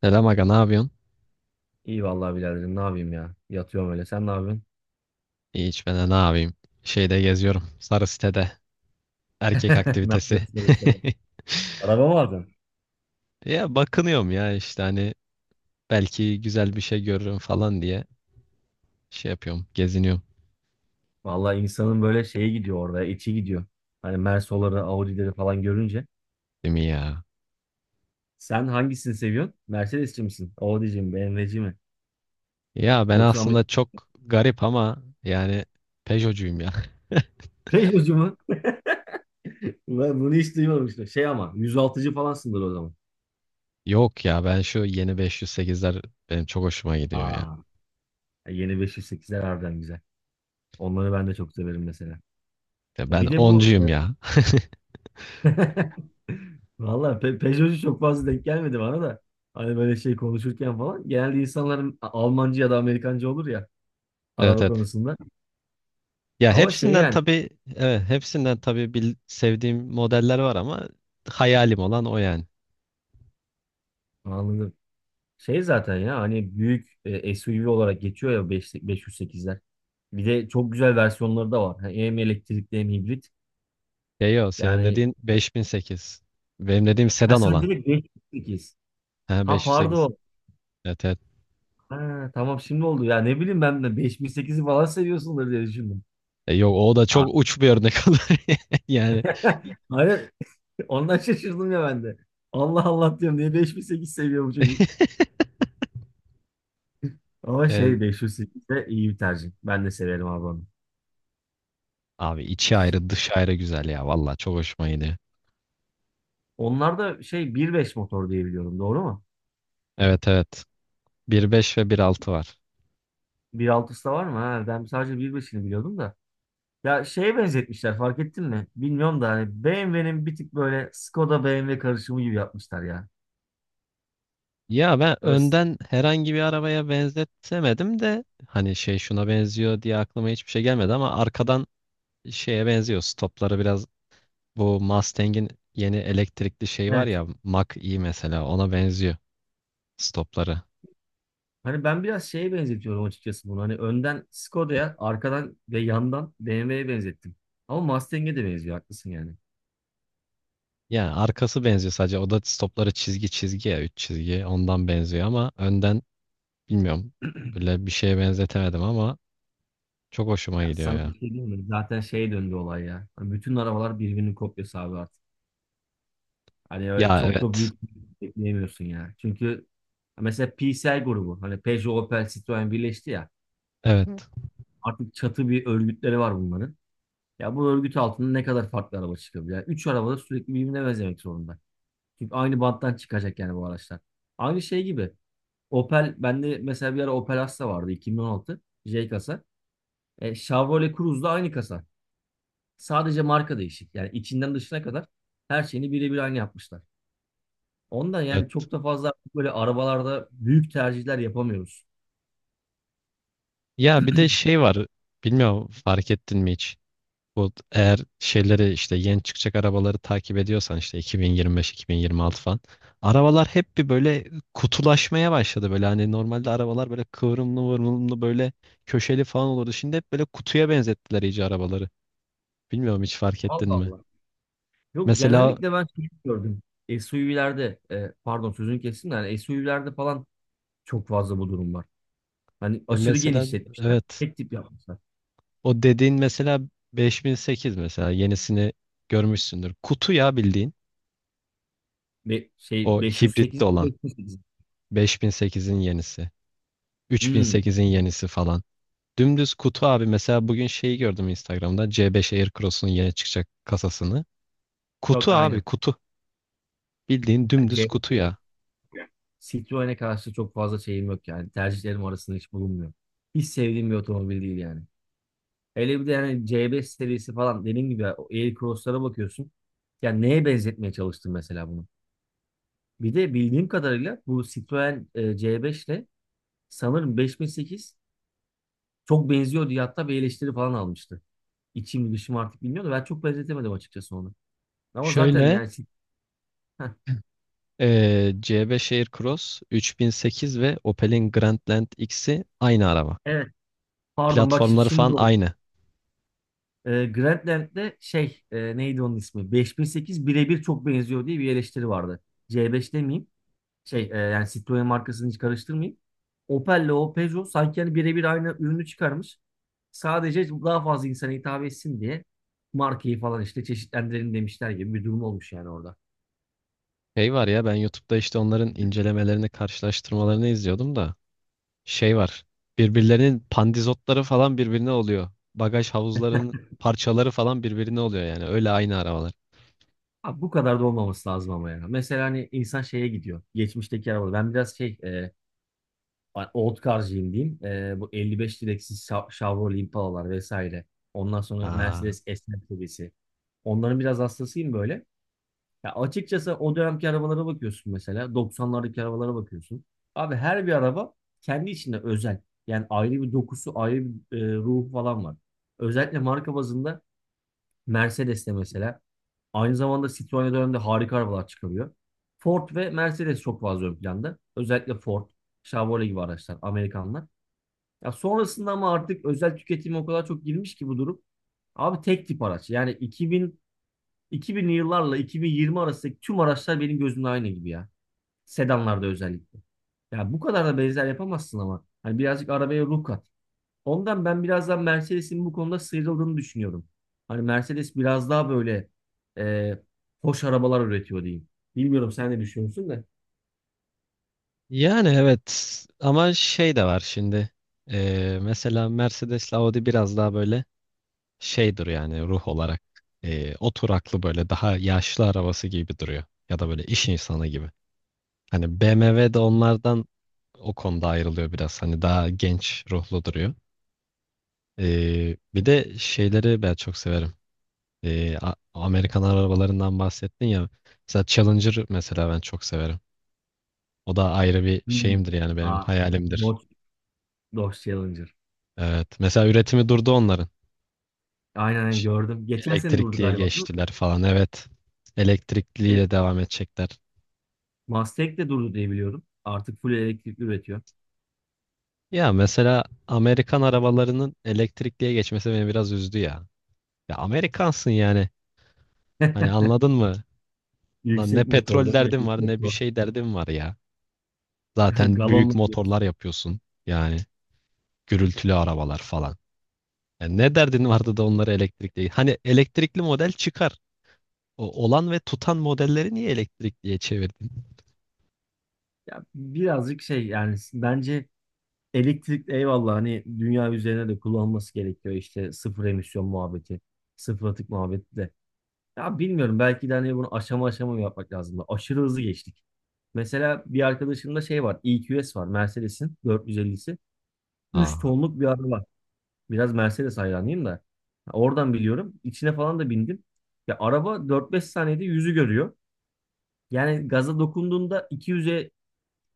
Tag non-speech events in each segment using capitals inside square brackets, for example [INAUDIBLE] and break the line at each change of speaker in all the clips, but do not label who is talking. Selam aga, ne yapıyorsun?
İyi vallahi biraderim, ne yapayım ya. Yatıyorum öyle. Sen ne yapıyorsun?
Hiç, ben de ne yapayım? Şeyde geziyorum. Sarı sitede. Erkek
[LAUGHS] Ne
aktivitesi. [LAUGHS]
yapıyorsun öyle sen? Araba mı aldın?
Ya bakınıyorum ya, işte hani belki güzel bir şey görürüm falan diye şey yapıyorum. Geziniyorum.
Vallahi insanın böyle şeye gidiyor orada, içi gidiyor. Hani Mersoları, Audi'leri falan görünce.
Değil mi ya?
Sen hangisini seviyorsun? Mercedes'ci misin? Audi'ci mi? BMW'ci mi?
Ya ben
Yoksa
aslında
Amerika?
çok garip ama yani Peugeot'cuyum ya. [LAUGHS]
[LAUGHS] Peugeot'cu mu? Ben bunu hiç duymamıştım. Şey, ama yüz altıcı falansındır o zaman.
Yok ya, ben şu yeni 508'ler benim çok hoşuma gidiyor ya.
Aa, yeni 508'ler harbiden güzel. Onları ben de çok severim mesela.
Ya ben
Bir de bu.
10'cuyum ya. [LAUGHS]
Valla, Peugeot'cu çok fazla denk gelmedi bana da. Hani böyle şey konuşurken falan. Genelde insanların Almancı ya da Amerikancı olur ya,
Evet
araba
evet.
konusunda.
Ya
Ama şey,
hepsinden
yani
tabii, evet, hepsinden tabii sevdiğim modeller var ama hayalim olan o yani.
anladım. Şey zaten ya hani büyük SUV olarak geçiyor ya, 508'ler. Bir de çok güzel versiyonları da var. Ha, hem elektrikli hem hibrit.
Ya yo, senin
Yani
dediğin 5008. Benim dediğim
ha,
sedan
sen
olan.
direkt 508.
Ha,
Ha,
508.
pardon.
Evet evet.
Ha, tamam şimdi oldu ya, ne bileyim, ben de 5008'i falan seviyorsundur diye düşündüm.
Yok, o da
Ha,
çok uç bir örnek olur. [LAUGHS] Yani
hayır, ondan şaşırdım ya ben de. Allah Allah diyorum, niye 5008 seviyor bu çocuk.
[LAUGHS]
Ama
E,
şey, 508 de iyi bir tercih. Ben de severim abi onu.
abi içi
Şey,
ayrı dışı ayrı güzel ya. Valla çok hoşuma gidiyor.
onlar da şey 1.5 motor diye biliyorum, doğru mu?
Evet evet. 1,5 ve 1,6 var.
1.6'sı da var mı? Ha, ben sadece 1.5'ini biliyordum da. Ya şeye benzetmişler, fark ettin mi? Bilmiyorum da hani BMW'nin bir tık böyle Skoda BMW karışımı gibi yapmışlar ya.
Ya ben
Evet.
önden herhangi bir arabaya benzetemedim de hani şey şuna benziyor diye aklıma hiçbir şey gelmedi ama arkadan şeye benziyor. Stopları biraz bu Mustang'in yeni elektrikli şey var
Evet.
ya, Mach-E mesela, ona benziyor stopları.
Hani ben biraz şeye benzetiyorum açıkçası bunu. Hani önden Skoda'ya, arkadan ve yandan BMW'ye benzettim. Ama Mustang'e de benziyor, haklısın yani.
Yani arkası benziyor sadece, o da stopları çizgi çizgi ya, 3 çizgi ondan benziyor ama önden bilmiyorum, böyle bir şeye benzetemedim ama çok hoşuma
Ya
gidiyor
sana bir
ya.
şey diyeyim mi? Zaten şey döndü olay ya. Hani bütün arabalar birbirinin kopyası abi artık. Hani öyle
Ya
çok da
evet.
büyük bir şey bekleyemiyorsun ya. Çünkü mesela PSL grubu, hani Peugeot, Opel, Citroen birleşti ya.
Evet.
Artık çatı bir örgütleri var bunların. Ya bu örgüt altında ne kadar farklı araba çıkabilir? Yani üç araba da sürekli birbirine benzemek zorunda. Çünkü aynı banttan çıkacak yani bu araçlar. Aynı şey gibi. Opel, bende mesela bir ara Opel Astra vardı, 2016. J kasa. Chevrolet Cruze'da aynı kasa. Sadece marka değişik. Yani içinden dışına kadar her şeyini birebir aynı yapmışlar. Ondan yani
Evet.
çok da fazla artık böyle arabalarda büyük tercihler yapamıyoruz.
Ya bir de şey var, bilmiyorum fark ettin mi hiç? Bu eğer şeyleri, işte yeni çıkacak arabaları takip ediyorsan, işte 2025-2026 falan. Arabalar hep bir böyle kutulaşmaya başladı, böyle hani normalde arabalar böyle kıvrımlı vurumlu böyle köşeli falan olurdu. Şimdi hep böyle kutuya benzettiler iyice arabaları. Bilmiyorum, hiç fark ettin
Allah
mi?
Allah. Yok,
Mesela
genellikle ben şey gördüm. SUV'lerde pardon, sözünü kestim de, yani SUV'lerde falan çok fazla bu durum var. Hani
e,
aşırı
mesela
genişletmişler.
evet,
Tek tip yapmışlar.
o dediğin mesela 5008, mesela yenisini görmüşsündür. Kutu ya bildiğin,
Ve şey
o hibritli
508
olan
508.
5008'in yenisi,
Hmm,
3008'in yenisi falan. Dümdüz kutu abi, mesela bugün şeyi gördüm Instagram'da, C5 Aircross'un yeni çıkacak kasasını.
yok
Kutu abi,
aynen.
kutu. Bildiğin
Yani
dümdüz kutu
CRT
ya.
Citroen'e karşı çok fazla şeyim yok yani. Tercihlerim arasında hiç bulunmuyor. Hiç sevdiğim bir otomobil değil yani. Hele bir de yani CB serisi falan, dediğim gibi ya, o Air Cross'lara bakıyorsun. Ya neye benzetmeye çalıştın mesela bunu? Bir de bildiğim kadarıyla bu Citroen C5 ile sanırım 5008 çok benziyor diye hatta bir eleştiri falan almıştı. İçim dışım artık bilmiyorum da, ben çok benzetemedim açıkçası onu. Ama zaten
Şöyle
yani heh,
C5 Aircross, 3008 ve Opel'in Grandland X'i aynı araba.
evet, pardon, bak şimdi,
Platformları falan
şimdi oldu.
aynı.
Grandland'de şey, neydi onun ismi? 5008 birebir çok benziyor diye bir eleştiri vardı. C5 demeyeyim, şey yani Citroen markasını hiç karıştırmayayım. Opel'le o Peugeot sanki hani birebir aynı ürünü çıkarmış. Sadece daha fazla insana hitap etsin diye markayı falan işte çeşitlendirelim demişler gibi bir durum olmuş yani orada.
Şey var ya, ben YouTube'da işte onların incelemelerini, karşılaştırmalarını izliyordum da şey var. Birbirlerinin pandizotları falan birbirine oluyor. Bagaj havuzlarının parçaları falan birbirine oluyor yani. Öyle aynı arabalar.
Abi bu kadar da olmaması lazım ama yani. Mesela hani insan şeye gidiyor. Geçmişteki arabada. Ben biraz şey, old car'cıyım diyeyim. Bu 55 direksiz Chevrolet Impala'lar vesaire. Ondan sonra
Aa.
Mercedes S-Max serisi. Onların biraz hastasıyım böyle. Ya açıkçası o dönemki arabalara bakıyorsun mesela. 90'lardaki arabalara bakıyorsun. Abi her bir araba kendi içinde özel. Yani ayrı bir dokusu, ayrı bir ruhu falan var. Özellikle marka bazında Mercedes'te mesela. Aynı zamanda Citroen döneminde harika arabalar çıkarıyor. Ford ve Mercedes çok fazla ön planda. Özellikle Ford, Chevrolet gibi araçlar, Amerikanlar. Ya sonrasında, ama artık özel tüketime o kadar çok girmiş ki bu durum. Abi tek tip araç. Yani 2000'li yıllarla 2020 arasındaki tüm araçlar benim gözümde aynı gibi ya. Sedanlarda özellikle. Ya bu kadar da benzer yapamazsın ama. Hani birazcık arabaya ruh kat. Ondan ben biraz daha Mercedes'in bu konuda sıyrıldığını düşünüyorum. Hani Mercedes biraz daha böyle e, hoş arabalar üretiyor diyeyim. Bilmiyorum sen ne düşünüyorsun da.
Yani evet, ama şey de var şimdi. Mesela Mercedes'le Audi biraz daha böyle şey duruyor yani, ruh olarak. Oturaklı, böyle daha yaşlı arabası gibi duruyor. Ya da böyle iş insanı gibi. Hani BMW de onlardan o konuda ayrılıyor biraz. Hani daha genç ruhlu duruyor. Bir de şeyleri ben çok severim. Amerikan arabalarından bahsettin ya. Mesela Challenger, mesela, ben çok severim. O da ayrı bir
Hmm.
şeyimdir yani, benim
Aa,
hayalimdir.
Dodge, Dodge Challenger.
Evet. Mesela üretimi durdu onların.
Aynen aynen,
Ş-
gördüm. Geçen sene durdu
Elektrikliye
galiba, değil mi?
geçtiler falan. Evet.
E,
Elektrikliyle devam edecekler.
Mustang de durdu diye biliyorum. Artık full elektrikli üretiyor.
Ya mesela Amerikan arabalarının elektrikliye geçmesi beni biraz üzdü ya. Ya Amerikansın yani. Hani
[LAUGHS]
anladın mı? Lan, ne
Yüksek
petrol
motorda. Evet,
derdin var
yüksek
ne bir şey derdin var ya.
[LAUGHS]
Zaten büyük
Galonla diyorsun.
motorlar yapıyorsun. Yani gürültülü arabalar falan. Yani ne derdin vardı da onları elektrikli. Hani elektrikli model çıkar. O olan ve tutan modelleri niye elektrikliye çevirdin?
Ya birazcık şey, yani bence elektrik eyvallah, hani dünya üzerine de kullanılması gerekiyor işte, sıfır emisyon muhabbeti, sıfır atık muhabbeti de. Ya bilmiyorum, belki de hani bunu aşama aşama yapmak lazım da. Aşırı hızlı geçtik. Mesela bir arkadaşımda şey var, EQS var, Mercedes'in 450'si. Üç
Aa,
tonluk bir araba var. Biraz Mercedes hayranıyım da. Oradan biliyorum. İçine falan da bindim. Ya araba 4-5 saniyede yüzü görüyor. Yani gaza dokunduğunda 200'e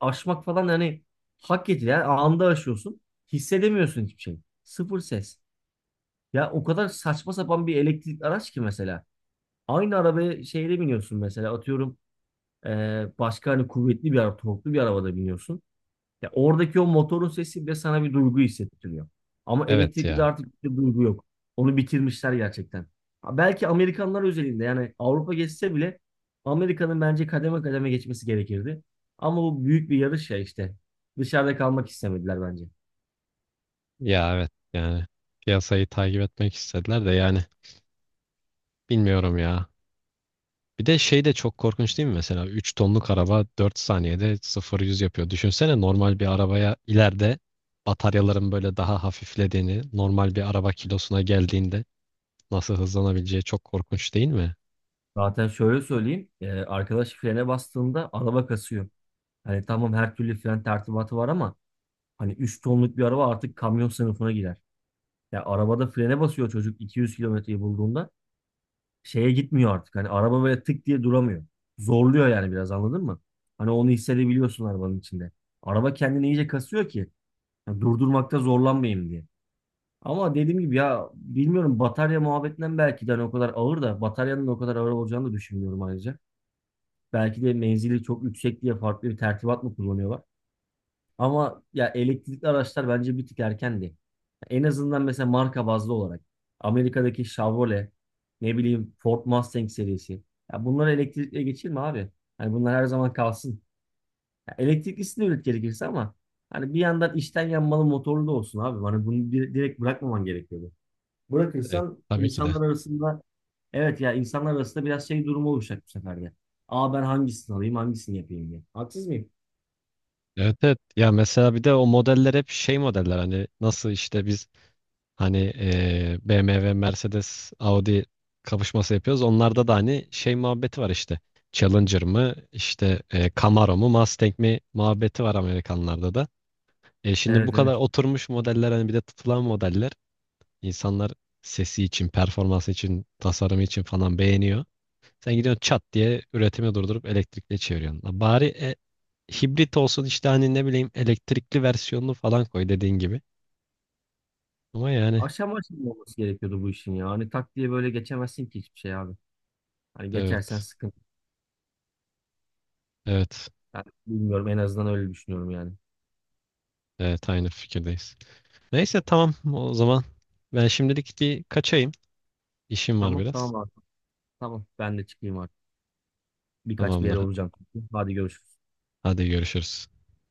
aşmak falan, yani hak getire. Yani anında aşıyorsun. Hissedemiyorsun hiçbir şey. Sıfır ses. Ya o kadar saçma sapan bir elektrikli araç ki mesela. Aynı arabaya şeyde biniyorsun mesela, atıyorum başka hani kuvvetli bir araba, torklu bir arabada biniyorsun. Ya oradaki o motorun sesi bile sana bir duygu hissettiriyor. Ama
evet
elektrikli de
ya.
artık bir duygu yok. Onu bitirmişler gerçekten. Ha, belki Amerikanlar özelinde, yani Avrupa geçse bile Amerika'nın bence kademe kademe geçmesi gerekirdi. Ama bu büyük bir yarış ya işte. Dışarıda kalmak istemediler bence.
Ya evet yani, piyasayı takip etmek istediler de yani bilmiyorum ya. Bir de şey de çok korkunç değil mi? Mesela 3 tonluk araba 4 saniyede 0-100 yapıyor. Düşünsene, normal bir arabaya ileride bataryaların böyle daha hafiflediğini, normal bir araba kilosuna geldiğinde nasıl hızlanabileceği, çok korkunç değil mi?
Zaten şöyle söyleyeyim. Arkadaş frene bastığında araba kasıyor. Hani tamam, her türlü fren tertibatı var ama hani 3 tonluk bir araba artık kamyon sınıfına girer. Ya arabada frene basıyor çocuk 200 kilometreyi bulduğunda. Şeye gitmiyor artık. Hani araba böyle tık diye duramıyor. Zorluyor yani biraz, anladın mı? Hani onu hissedebiliyorsun arabanın içinde. Araba kendini iyice kasıyor ki, yani durdurmakta zorlanmayayım diye. Ama dediğim gibi ya, bilmiyorum, batarya muhabbetinden belki de, hani o kadar ağır da, bataryanın o kadar ağır olacağını da düşünmüyorum ayrıca. Belki de menzili çok yüksek diye farklı bir tertibat mı kullanıyorlar? Ama ya, elektrikli araçlar bence bir tık erkendi. En azından mesela marka bazlı olarak Amerika'daki Chevrolet, ne bileyim Ford Mustang serisi. Ya bunları elektrikle geçirme abi. Hani bunlar her zaman kalsın. Ya elektriklisini üret gerekirse ama hani bir yandan içten yanmalı motorlu da olsun abi. Hani bunu direkt bırakmaman gerekiyordu.
Evet,
Bırakırsan
tabii ki de.
insanlar arasında, evet ya, insanlar arasında biraz şey durumu oluşacak bu sefer de. Aa, ben hangisini alayım hangisini yapayım diye. Haksız mıyım?
Evet evet. Ya mesela bir de o modeller hep şey modeller, hani nasıl işte biz Hani BMW, Mercedes, Audi kapışması yapıyoruz. Onlarda da hani şey muhabbeti var işte. Challenger mı, işte Camaro mu, Mustang mi muhabbeti var Amerikanlarda da. Şimdi bu
Evet
kadar
evet.
oturmuş modeller, hani bir de tutulan modeller. İnsanlar sesi için, performansı için, tasarımı için falan beğeniyor. Sen gidiyorsun çat diye üretimi durdurup elektrikli çeviriyorsun. Lan, bari hibrit olsun işte, hani ne bileyim elektrikli versiyonunu falan koy dediğin gibi. Ama yani
Aşama aşama olması gerekiyordu bu işin ya. Hani tak diye böyle geçemezsin ki hiçbir şey abi. Hani geçersen
evet.
sıkıntı.
Evet.
Ben bilmiyorum, en azından öyle düşünüyorum yani.
Evet, aynı fikirdeyiz. Neyse, tamam o zaman, ben şimdilik bir kaçayım. İşim var
Tamam
biraz.
tamam abi. Tamam, ben de çıkayım artık. Birkaç bir yere
Tamamdır.
olacağım çünkü. Hadi görüşürüz.
Hadi görüşürüz.